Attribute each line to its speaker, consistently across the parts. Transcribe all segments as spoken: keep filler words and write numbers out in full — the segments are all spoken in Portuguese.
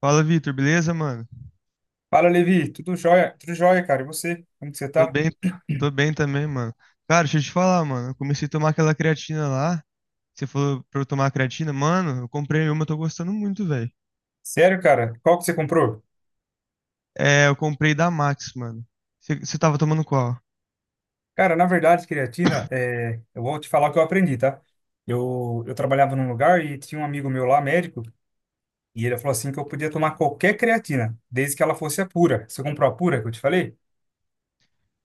Speaker 1: Fala, Vitor, beleza, mano?
Speaker 2: Fala, Levi. Tudo jóia? Tudo jóia, cara. E você? Como que você
Speaker 1: Tô
Speaker 2: tá?
Speaker 1: bem, tô bem também, mano. Cara, deixa eu te falar, mano. Eu comecei a tomar aquela creatina lá. Você falou pra eu tomar creatina, mano. Eu comprei uma, eu tô gostando muito, velho.
Speaker 2: Sério, cara? Qual que você comprou?
Speaker 1: É, eu comprei da Max, mano. Você você tava tomando qual?
Speaker 2: Cara, na verdade, creatina, é... eu vou te falar o que eu aprendi, tá? Eu, eu trabalhava num lugar e tinha um amigo meu lá, médico, e ele falou assim que eu podia tomar qualquer creatina, desde que ela fosse a pura. Você comprou a pura que eu te falei?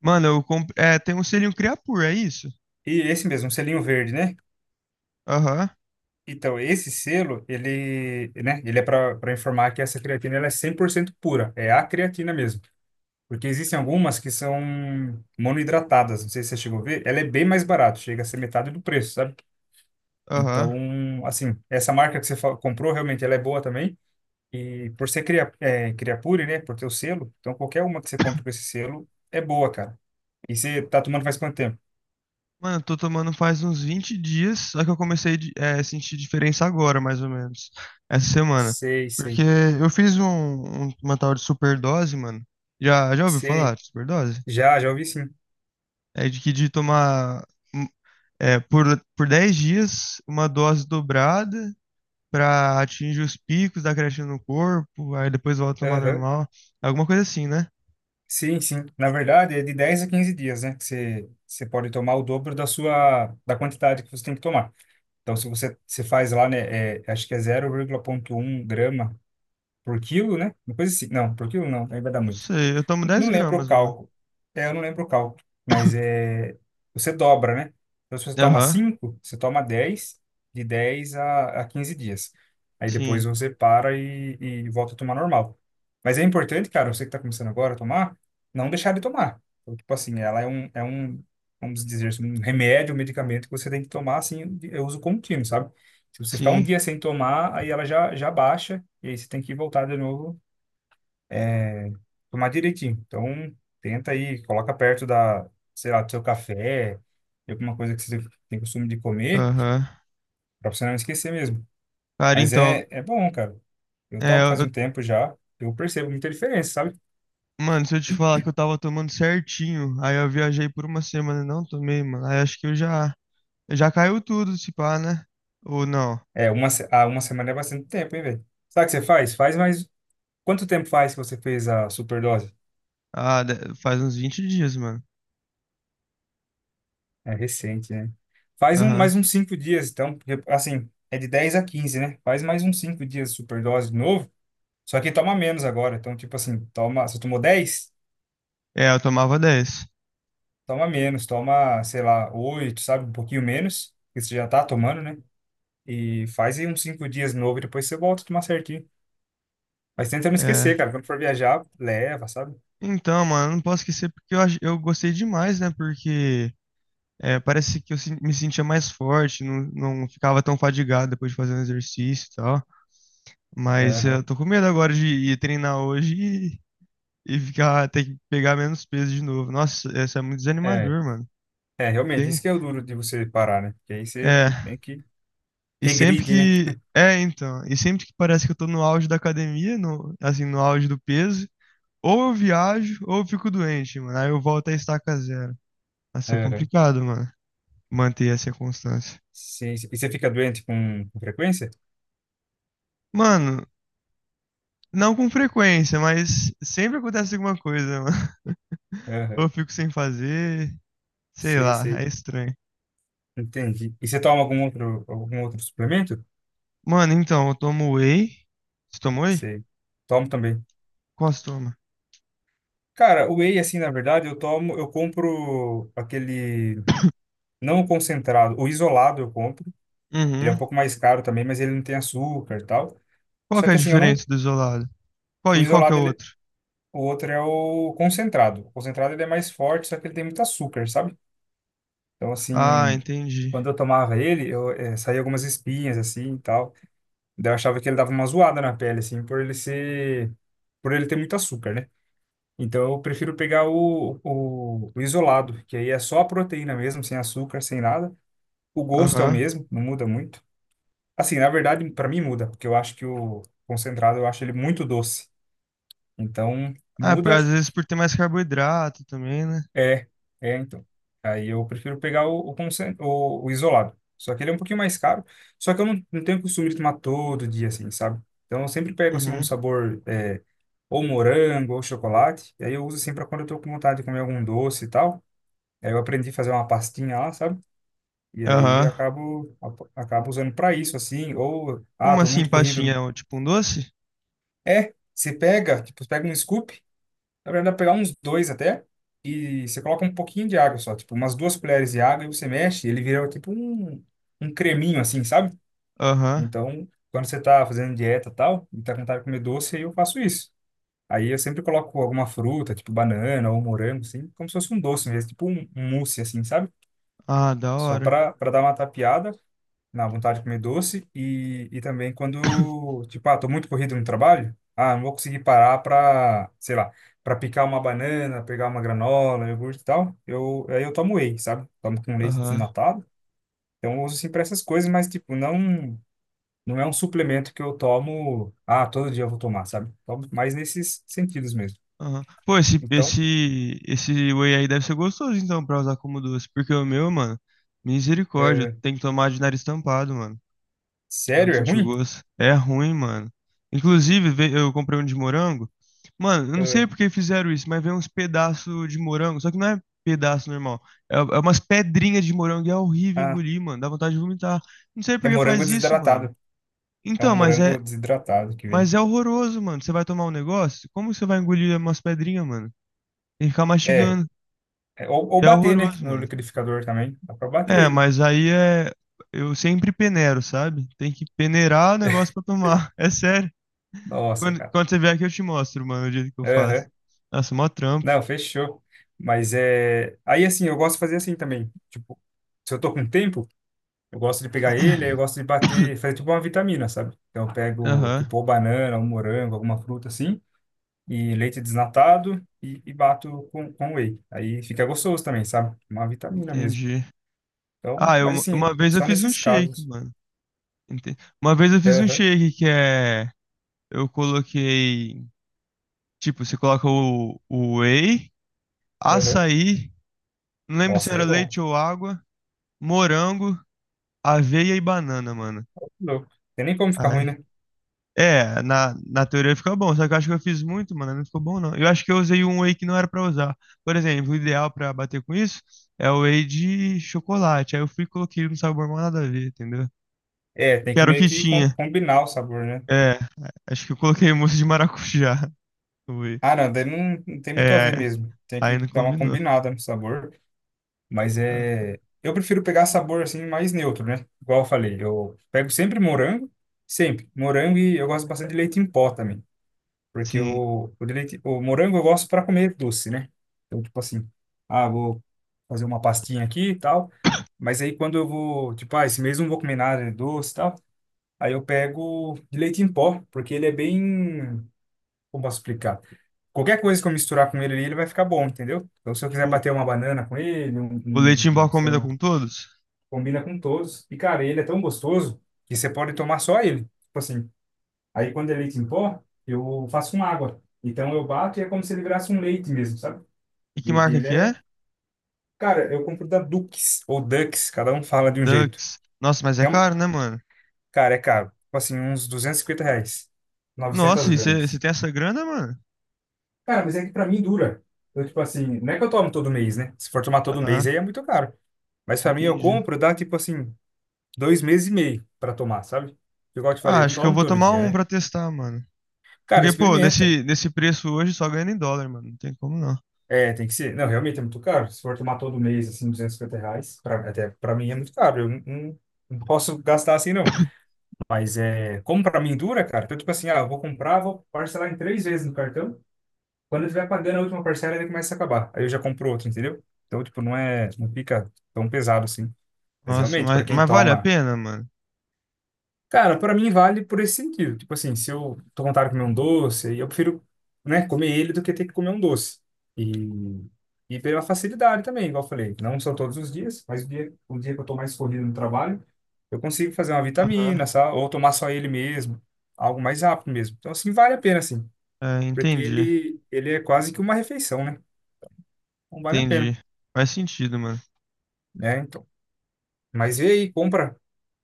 Speaker 1: Mano, eu comprei. É, tem um selinho Creapure, é isso?
Speaker 2: E esse mesmo, um selinho verde, né?
Speaker 1: Aham,
Speaker 2: Então, esse selo, ele, né, ele é para para informar que essa creatina ela é cem por cento pura. É a creatina mesmo. Porque existem algumas que são monoidratadas, não sei se você chegou a ver, ela é bem mais barata, chega a ser metade do preço, sabe?
Speaker 1: aham.
Speaker 2: Então, assim, essa marca que você fa- comprou, realmente, ela é boa também. E por ser cria, é, Creapure, né, por ter o selo, então qualquer uma que você compra com esse selo é boa, cara. E você tá tomando faz quanto tempo?
Speaker 1: Mano, eu tô tomando faz uns vinte dias, só que eu comecei a é, a sentir diferença agora, mais ou menos. Essa semana.
Speaker 2: Sei,
Speaker 1: Porque
Speaker 2: sei,
Speaker 1: eu fiz um, um- uma tal de superdose, mano. Já, já ouviu falar
Speaker 2: sei.
Speaker 1: de superdose?
Speaker 2: Já, já ouvi sim.
Speaker 1: É de que de tomar hum, é, por, por dez dias uma dose dobrada para atingir os picos da creatina no corpo, aí depois volta a tomar
Speaker 2: Aham.
Speaker 1: normal. Alguma coisa assim, né?
Speaker 2: Sim, sim. Na verdade, é de dez a quinze dias, né, que você, você pode tomar o dobro da sua, da quantidade que você tem que tomar. Então, se você, você faz lá, né, é, acho que é zero vírgula um grama por quilo, né? Uma coisa assim. Não, por quilo não, aí vai dar
Speaker 1: Não
Speaker 2: muito.
Speaker 1: sei, eu tomo dez
Speaker 2: Não lembro o
Speaker 1: gramas, mano.
Speaker 2: cálculo. É, eu não lembro o cálculo. Mas é, você dobra, né? Então, se você toma
Speaker 1: Aham,
Speaker 2: cinco você toma dez de dez a, a quinze dias. Aí
Speaker 1: sim,
Speaker 2: depois você para e, e volta a tomar normal. Mas é importante, cara, você que está começando agora a tomar, não deixar de tomar. Então, tipo assim, ela é um, é um, vamos dizer, assim, um remédio, um medicamento que você tem que tomar, assim, de eu uso contínuo, sabe? Se você ficar um
Speaker 1: sim,
Speaker 2: dia sem tomar, aí ela já, já baixa, e aí você tem que voltar de novo é, tomar direitinho. Então, tenta aí, coloca perto da, sei lá, do seu café, de alguma coisa que você tem costume de comer,
Speaker 1: aham.
Speaker 2: pra você não esquecer mesmo.
Speaker 1: Cara,
Speaker 2: Mas
Speaker 1: então,
Speaker 2: é, é bom, cara. Eu
Speaker 1: é,
Speaker 2: tomo
Speaker 1: eu,
Speaker 2: faz um
Speaker 1: eu-
Speaker 2: tempo já, eu percebo muita diferença, sabe?
Speaker 1: mano, se eu te falar que eu tava tomando certinho, aí eu viajei por uma semana e não tomei, mano, aí acho que eu já, já caiu tudo, se pá, né? Ou não?
Speaker 2: É, uma, se- ah, uma semana é bastante tempo, hein, velho? Sabe o que você faz? Faz mais... Quanto tempo faz que você fez a superdose?
Speaker 1: Ah, de- faz uns vinte dias, mano.
Speaker 2: É recente, né? Faz um,
Speaker 1: Aham.
Speaker 2: mais uns cinco dias, então, porque, assim, é de dez a quinze, né? Faz mais uns cinco dias de superdose de novo. Só que toma menos agora. Então, tipo assim, toma, se tomou dez
Speaker 1: É, eu tomava dez.
Speaker 2: toma menos, toma, sei lá, oito sabe? Um pouquinho menos, que você já tá tomando, né? E faz aí uns cinco dias de novo e depois você volta a tomar certinho. Mas tenta não
Speaker 1: É.
Speaker 2: esquecer, cara. Quando for viajar, leva, sabe?
Speaker 1: Então, mano, eu não posso esquecer porque eu, ach- eu gostei demais, né? Porque é, parece que eu sen- me sentia mais forte, não, não ficava tão fadigado depois de fazer um exercício e tal. Mas eu
Speaker 2: Aham.
Speaker 1: tô com medo agora de ir treinar hoje e, e ficar, ter que pegar menos peso de novo. Nossa, isso é muito
Speaker 2: É,
Speaker 1: desanimador, mano.
Speaker 2: é, realmente,
Speaker 1: Sim.
Speaker 2: isso que é o duro de você parar, né? Porque aí você
Speaker 1: É.
Speaker 2: meio que
Speaker 1: E sempre
Speaker 2: regride, né?
Speaker 1: que. É, então. E sempre que parece que eu tô no auge da academia, no, assim, no auge do peso. Ou eu viajo, ou eu fico doente, mano. Aí eu volto a estaca zero. Vai ser
Speaker 2: Aham.
Speaker 1: complicado, mano. Manter essa constância.
Speaker 2: Sim, sim. E você fica doente com, com frequência?
Speaker 1: Mano, não com frequência, mas sempre acontece alguma coisa, mano. Ou
Speaker 2: Aham.
Speaker 1: eu fico sem fazer, sei
Speaker 2: Sei,
Speaker 1: lá, é
Speaker 2: sei.
Speaker 1: estranho.
Speaker 2: Entendi. E você toma algum outro, algum outro suplemento?
Speaker 1: Mano, então, eu tomo whey. Você toma whey?
Speaker 2: Sei. Tomo também.
Speaker 1: Qual você toma?
Speaker 2: Cara, o whey, assim, na verdade, eu tomo, eu compro aquele não o concentrado, o isolado eu compro. Ele é um
Speaker 1: Uhum.
Speaker 2: pouco mais caro também, mas ele não tem açúcar e tal.
Speaker 1: Qual
Speaker 2: Só
Speaker 1: que é a
Speaker 2: que assim, eu não,
Speaker 1: diferença do isolado? Qual
Speaker 2: o
Speaker 1: e qual que é
Speaker 2: isolado,
Speaker 1: o
Speaker 2: ele,
Speaker 1: outro?
Speaker 2: o outro é o concentrado. O concentrado ele é mais forte, só que ele tem muito açúcar, sabe? Então
Speaker 1: Ah,
Speaker 2: assim,
Speaker 1: entendi.
Speaker 2: quando eu tomava ele, eu eh, saía algumas espinhas assim e tal. Daí eu achava que ele dava uma zoada na pele, assim, por ele ser, por ele ter muito açúcar, né? Então eu prefiro pegar o, o, o isolado, que aí é só a proteína mesmo, sem açúcar, sem nada. O gosto é o
Speaker 1: Aham.
Speaker 2: mesmo, não muda muito. Assim, na verdade, para mim muda, porque eu acho que o concentrado eu acho ele muito doce. Então,
Speaker 1: Ah, pô,
Speaker 2: muda?
Speaker 1: às vezes por ter mais carboidrato também, né?
Speaker 2: É, é então. Aí eu prefiro pegar o, o, concen- o, o isolado. Só que ele é um pouquinho mais caro, só que eu não, não tenho costume de tomar todo dia, assim, sabe? Então eu sempre pego, assim, um
Speaker 1: Uhum.
Speaker 2: sabor, é, ou morango, ou chocolate, e aí eu uso, assim, para quando eu tô com vontade de comer algum doce e tal. Aí eu aprendi a fazer uma pastinha lá, sabe? E aí eu
Speaker 1: Aham.
Speaker 2: acabo, acabo usando para isso, assim. Ou, ah,
Speaker 1: Como
Speaker 2: tô
Speaker 1: assim,
Speaker 2: muito
Speaker 1: pastinha?
Speaker 2: corrido.
Speaker 1: É um- Tipo um doce?
Speaker 2: É, você pega, tipo, você pega um scoop, na verdade, dá pra pegar uns dois até, e você coloca um pouquinho de água só, tipo, umas duas colheres de água, e você mexe, ele vira tipo um, um creminho, assim, sabe?
Speaker 1: Aham.
Speaker 2: Então, quando você tá fazendo dieta e tal, e tá com vontade de comer doce, aí eu faço isso. Aí eu sempre coloco alguma fruta, tipo banana ou morango, assim, como se fosse um doce mesmo, tipo um um mousse, assim, sabe?
Speaker 1: Ah, da
Speaker 2: Só
Speaker 1: hora.
Speaker 2: para dar uma tapeada na vontade de comer doce e, e também quando, tipo, ah, tô muito corrido no trabalho, ah, não vou conseguir parar pra, sei lá, pra picar uma banana, pegar uma granola, iogurte e tal, eu, aí eu tomo whey, sabe? Tomo com leite
Speaker 1: Aham.
Speaker 2: desnatado. Então eu uso assim pra essas coisas, mas, tipo, não, não é um suplemento que eu tomo, ah, todo dia eu vou tomar, sabe? Tomo mais nesses sentidos mesmo.
Speaker 1: Aham. Pô, esse,
Speaker 2: Então,
Speaker 1: esse, esse whey aí deve ser gostoso, então, pra usar como doce. Porque o meu, mano, misericórdia,
Speaker 2: é,
Speaker 1: tem que tomar de nariz tampado, mano. Pra não
Speaker 2: sério, é
Speaker 1: sentir o
Speaker 2: ruim?
Speaker 1: gosto. É ruim, mano. Inclusive, ve- eu comprei um de morango. Mano, eu não
Speaker 2: É,
Speaker 1: sei por que fizeram isso, mas veio uns pedaços de morango. Só que não é pedaço normal. É, é umas pedrinhas de morango e é horrível
Speaker 2: ah,
Speaker 1: engolir, mano. Dá vontade de vomitar. Não sei
Speaker 2: é
Speaker 1: por que
Speaker 2: morango
Speaker 1: faz isso, mano.
Speaker 2: desidratado. É
Speaker 1: Então,
Speaker 2: um
Speaker 1: mas é,
Speaker 2: morango desidratado que vem.
Speaker 1: mas é horroroso, mano. Você vai tomar um negócio? Como você vai engolir umas pedrinhas, mano? Tem que ficar
Speaker 2: É,
Speaker 1: mastigando.
Speaker 2: é, Ou, ou
Speaker 1: E é
Speaker 2: bater, né?
Speaker 1: horroroso,
Speaker 2: No
Speaker 1: mano.
Speaker 2: liquidificador também. Dá pra bater
Speaker 1: É,
Speaker 2: ele.
Speaker 1: mas aí é. Eu sempre peneiro, sabe? Tem que peneirar o negócio pra tomar. É sério.
Speaker 2: Nossa,
Speaker 1: Quando,
Speaker 2: cara.
Speaker 1: quando você vier aqui, eu te mostro, mano, o jeito que eu faço.
Speaker 2: Aham.
Speaker 1: Nossa, mó trampo.
Speaker 2: Não, fechou. Mas é. Aí assim, eu gosto de fazer assim também. Tipo, se eu tô com tempo, eu gosto de pegar ele, aí eu gosto de bater, fazer tipo uma vitamina, sabe? Então eu pego,
Speaker 1: Aham,
Speaker 2: tipo, ou banana, ou morango, alguma fruta assim, e leite desnatado e, e bato com, com whey. Aí fica gostoso também, sabe? Uma vitamina mesmo.
Speaker 1: entendi.
Speaker 2: Então,
Speaker 1: Ah,
Speaker 2: mas
Speaker 1: eu,
Speaker 2: assim,
Speaker 1: uma vez eu
Speaker 2: só
Speaker 1: fiz um
Speaker 2: nesses
Speaker 1: shake,
Speaker 2: casos.
Speaker 1: mano. Ente- Uma vez eu fiz um
Speaker 2: Aham,
Speaker 1: shake que é. Eu coloquei. Tipo, você coloca o, o whey,
Speaker 2: aham.
Speaker 1: açaí. Não lembro se
Speaker 2: Nossa, aí é
Speaker 1: era
Speaker 2: bom.
Speaker 1: leite ou água, morango, aveia e banana, mano.
Speaker 2: Louco. Tem nem como ficar ruim,
Speaker 1: Ai.
Speaker 2: né?
Speaker 1: É, na, na teoria fica bom, só que eu acho que eu fiz muito, mano, não ficou bom não. Eu acho que eu usei um whey que não era pra usar. Por exemplo, o ideal pra bater com isso é o whey de chocolate. Aí eu fui e coloquei no sabor mal nada a ver, entendeu?
Speaker 2: É, tem
Speaker 1: Porque
Speaker 2: que
Speaker 1: era o
Speaker 2: meio
Speaker 1: que
Speaker 2: que com-
Speaker 1: tinha.
Speaker 2: combinar o sabor, né?
Speaker 1: É, acho que eu coloquei mousse de maracujá no whey.
Speaker 2: Ah, não, daí não, não tem muito a
Speaker 1: É,
Speaker 2: ver mesmo. Tem
Speaker 1: aí
Speaker 2: que
Speaker 1: não
Speaker 2: dar uma
Speaker 1: combinou.
Speaker 2: combinada no sabor. Mas
Speaker 1: É,
Speaker 2: é. Eu prefiro pegar sabor assim mais neutro, né? Igual eu falei, eu pego sempre morango, sempre. Morango e eu gosto bastante de leite em pó também. Porque
Speaker 1: sim.
Speaker 2: o, o, de leite, o morango eu gosto para comer doce, né? Então, tipo assim, ah, vou fazer uma pastinha aqui e tal. Mas aí quando eu vou, tipo, ah, esse mês eu não vou comer nada de doce e tal. Aí eu pego de leite em pó, porque ele é bem. Como posso explicar? Qualquer coisa que eu misturar com ele ali, ele vai ficar bom, entendeu? Então, se eu quiser
Speaker 1: O,
Speaker 2: bater uma banana com ele, um,
Speaker 1: o leite em pó
Speaker 2: um, sei
Speaker 1: combina
Speaker 2: lá,
Speaker 1: com todos?
Speaker 2: combina com todos. E, cara, ele é tão gostoso que você pode tomar só ele. Tipo assim, aí quando é leite em pó, eu faço com água. Então, eu bato e é como se ele virasse um leite mesmo, sabe?
Speaker 1: E
Speaker 2: E
Speaker 1: que marca
Speaker 2: ele
Speaker 1: que é?
Speaker 2: é... Cara, eu compro da Dux ou Dux, cada um fala de um jeito.
Speaker 1: Ducks. Nossa, mas é
Speaker 2: É um...
Speaker 1: caro, né, mano?
Speaker 2: Cara, é caro. Tipo assim, uns duzentos e cinquenta reais, novecentas
Speaker 1: Nossa, e você
Speaker 2: gramas.
Speaker 1: tem essa grana, mano?
Speaker 2: Cara, mas é que pra mim dura. Eu, tipo assim, não é que eu tomo todo mês, né? Se for tomar todo
Speaker 1: Aham,
Speaker 2: mês, aí é muito caro. Mas pra mim, eu
Speaker 1: entendi.
Speaker 2: compro, dá tipo assim, dois meses e meio pra tomar, sabe? Igual eu te falei,
Speaker 1: Ah,
Speaker 2: eu não
Speaker 1: acho que eu
Speaker 2: tomo
Speaker 1: vou
Speaker 2: todo
Speaker 1: tomar
Speaker 2: dia,
Speaker 1: um
Speaker 2: né?
Speaker 1: pra testar, mano.
Speaker 2: Cara,
Speaker 1: Porque, pô,
Speaker 2: experimenta.
Speaker 1: nesse, nesse preço hoje só ganha em dólar, mano. Não tem como não.
Speaker 2: É, tem que ser. Não, realmente é muito caro. Se for tomar todo mês, assim, duzentos e cinquenta reais, pra, até pra mim é muito caro. Eu não, não- não posso gastar assim, não. Mas é, como pra mim dura, cara, então, tipo assim, ah, eu vou comprar, vou parcelar em três vezes no cartão. Quando ele vai pagando a última parcela, ele começa a acabar. Aí eu já compro outro, entendeu? Então, tipo, não é, não fica tão pesado assim. Mas
Speaker 1: Nossa,
Speaker 2: realmente, para
Speaker 1: mas,
Speaker 2: quem
Speaker 1: mas vale a
Speaker 2: toma.
Speaker 1: pena, mano?
Speaker 2: Cara, para mim vale por esse sentido. Tipo assim, se eu tô vontade de comer um doce, aí eu prefiro, né, comer ele do que ter que comer um doce. E, e pela facilidade também, igual eu falei. Não são todos os dias, mas o dia, o dia que eu tô mais corrido no trabalho, eu consigo fazer uma
Speaker 1: Aham.
Speaker 2: vitamina, sabe? Ou tomar só ele mesmo. Algo mais rápido mesmo. Então, assim, vale a pena, assim.
Speaker 1: É,
Speaker 2: Porque
Speaker 1: entendi.
Speaker 2: ele, ele é quase que uma refeição, né? Então, vale a
Speaker 1: Entendi.
Speaker 2: pena.
Speaker 1: Faz sentido, mano.
Speaker 2: É, então. Mas vê aí, compra.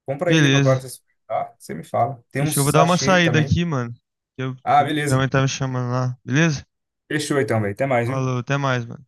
Speaker 2: Compra ele pra
Speaker 1: Beleza.
Speaker 2: para você experimentar. Você me fala. Tem
Speaker 1: Deixa eu
Speaker 2: uns
Speaker 1: vou dar uma
Speaker 2: sachê
Speaker 1: saída
Speaker 2: também.
Speaker 1: aqui, mano. que Eu,
Speaker 2: Ah,
Speaker 1: tô- minha
Speaker 2: beleza.
Speaker 1: mãe tá me chamando lá. Beleza?
Speaker 2: Fechou então, velho. Até mais,
Speaker 1: Falou,
Speaker 2: viu?
Speaker 1: até mais, mano.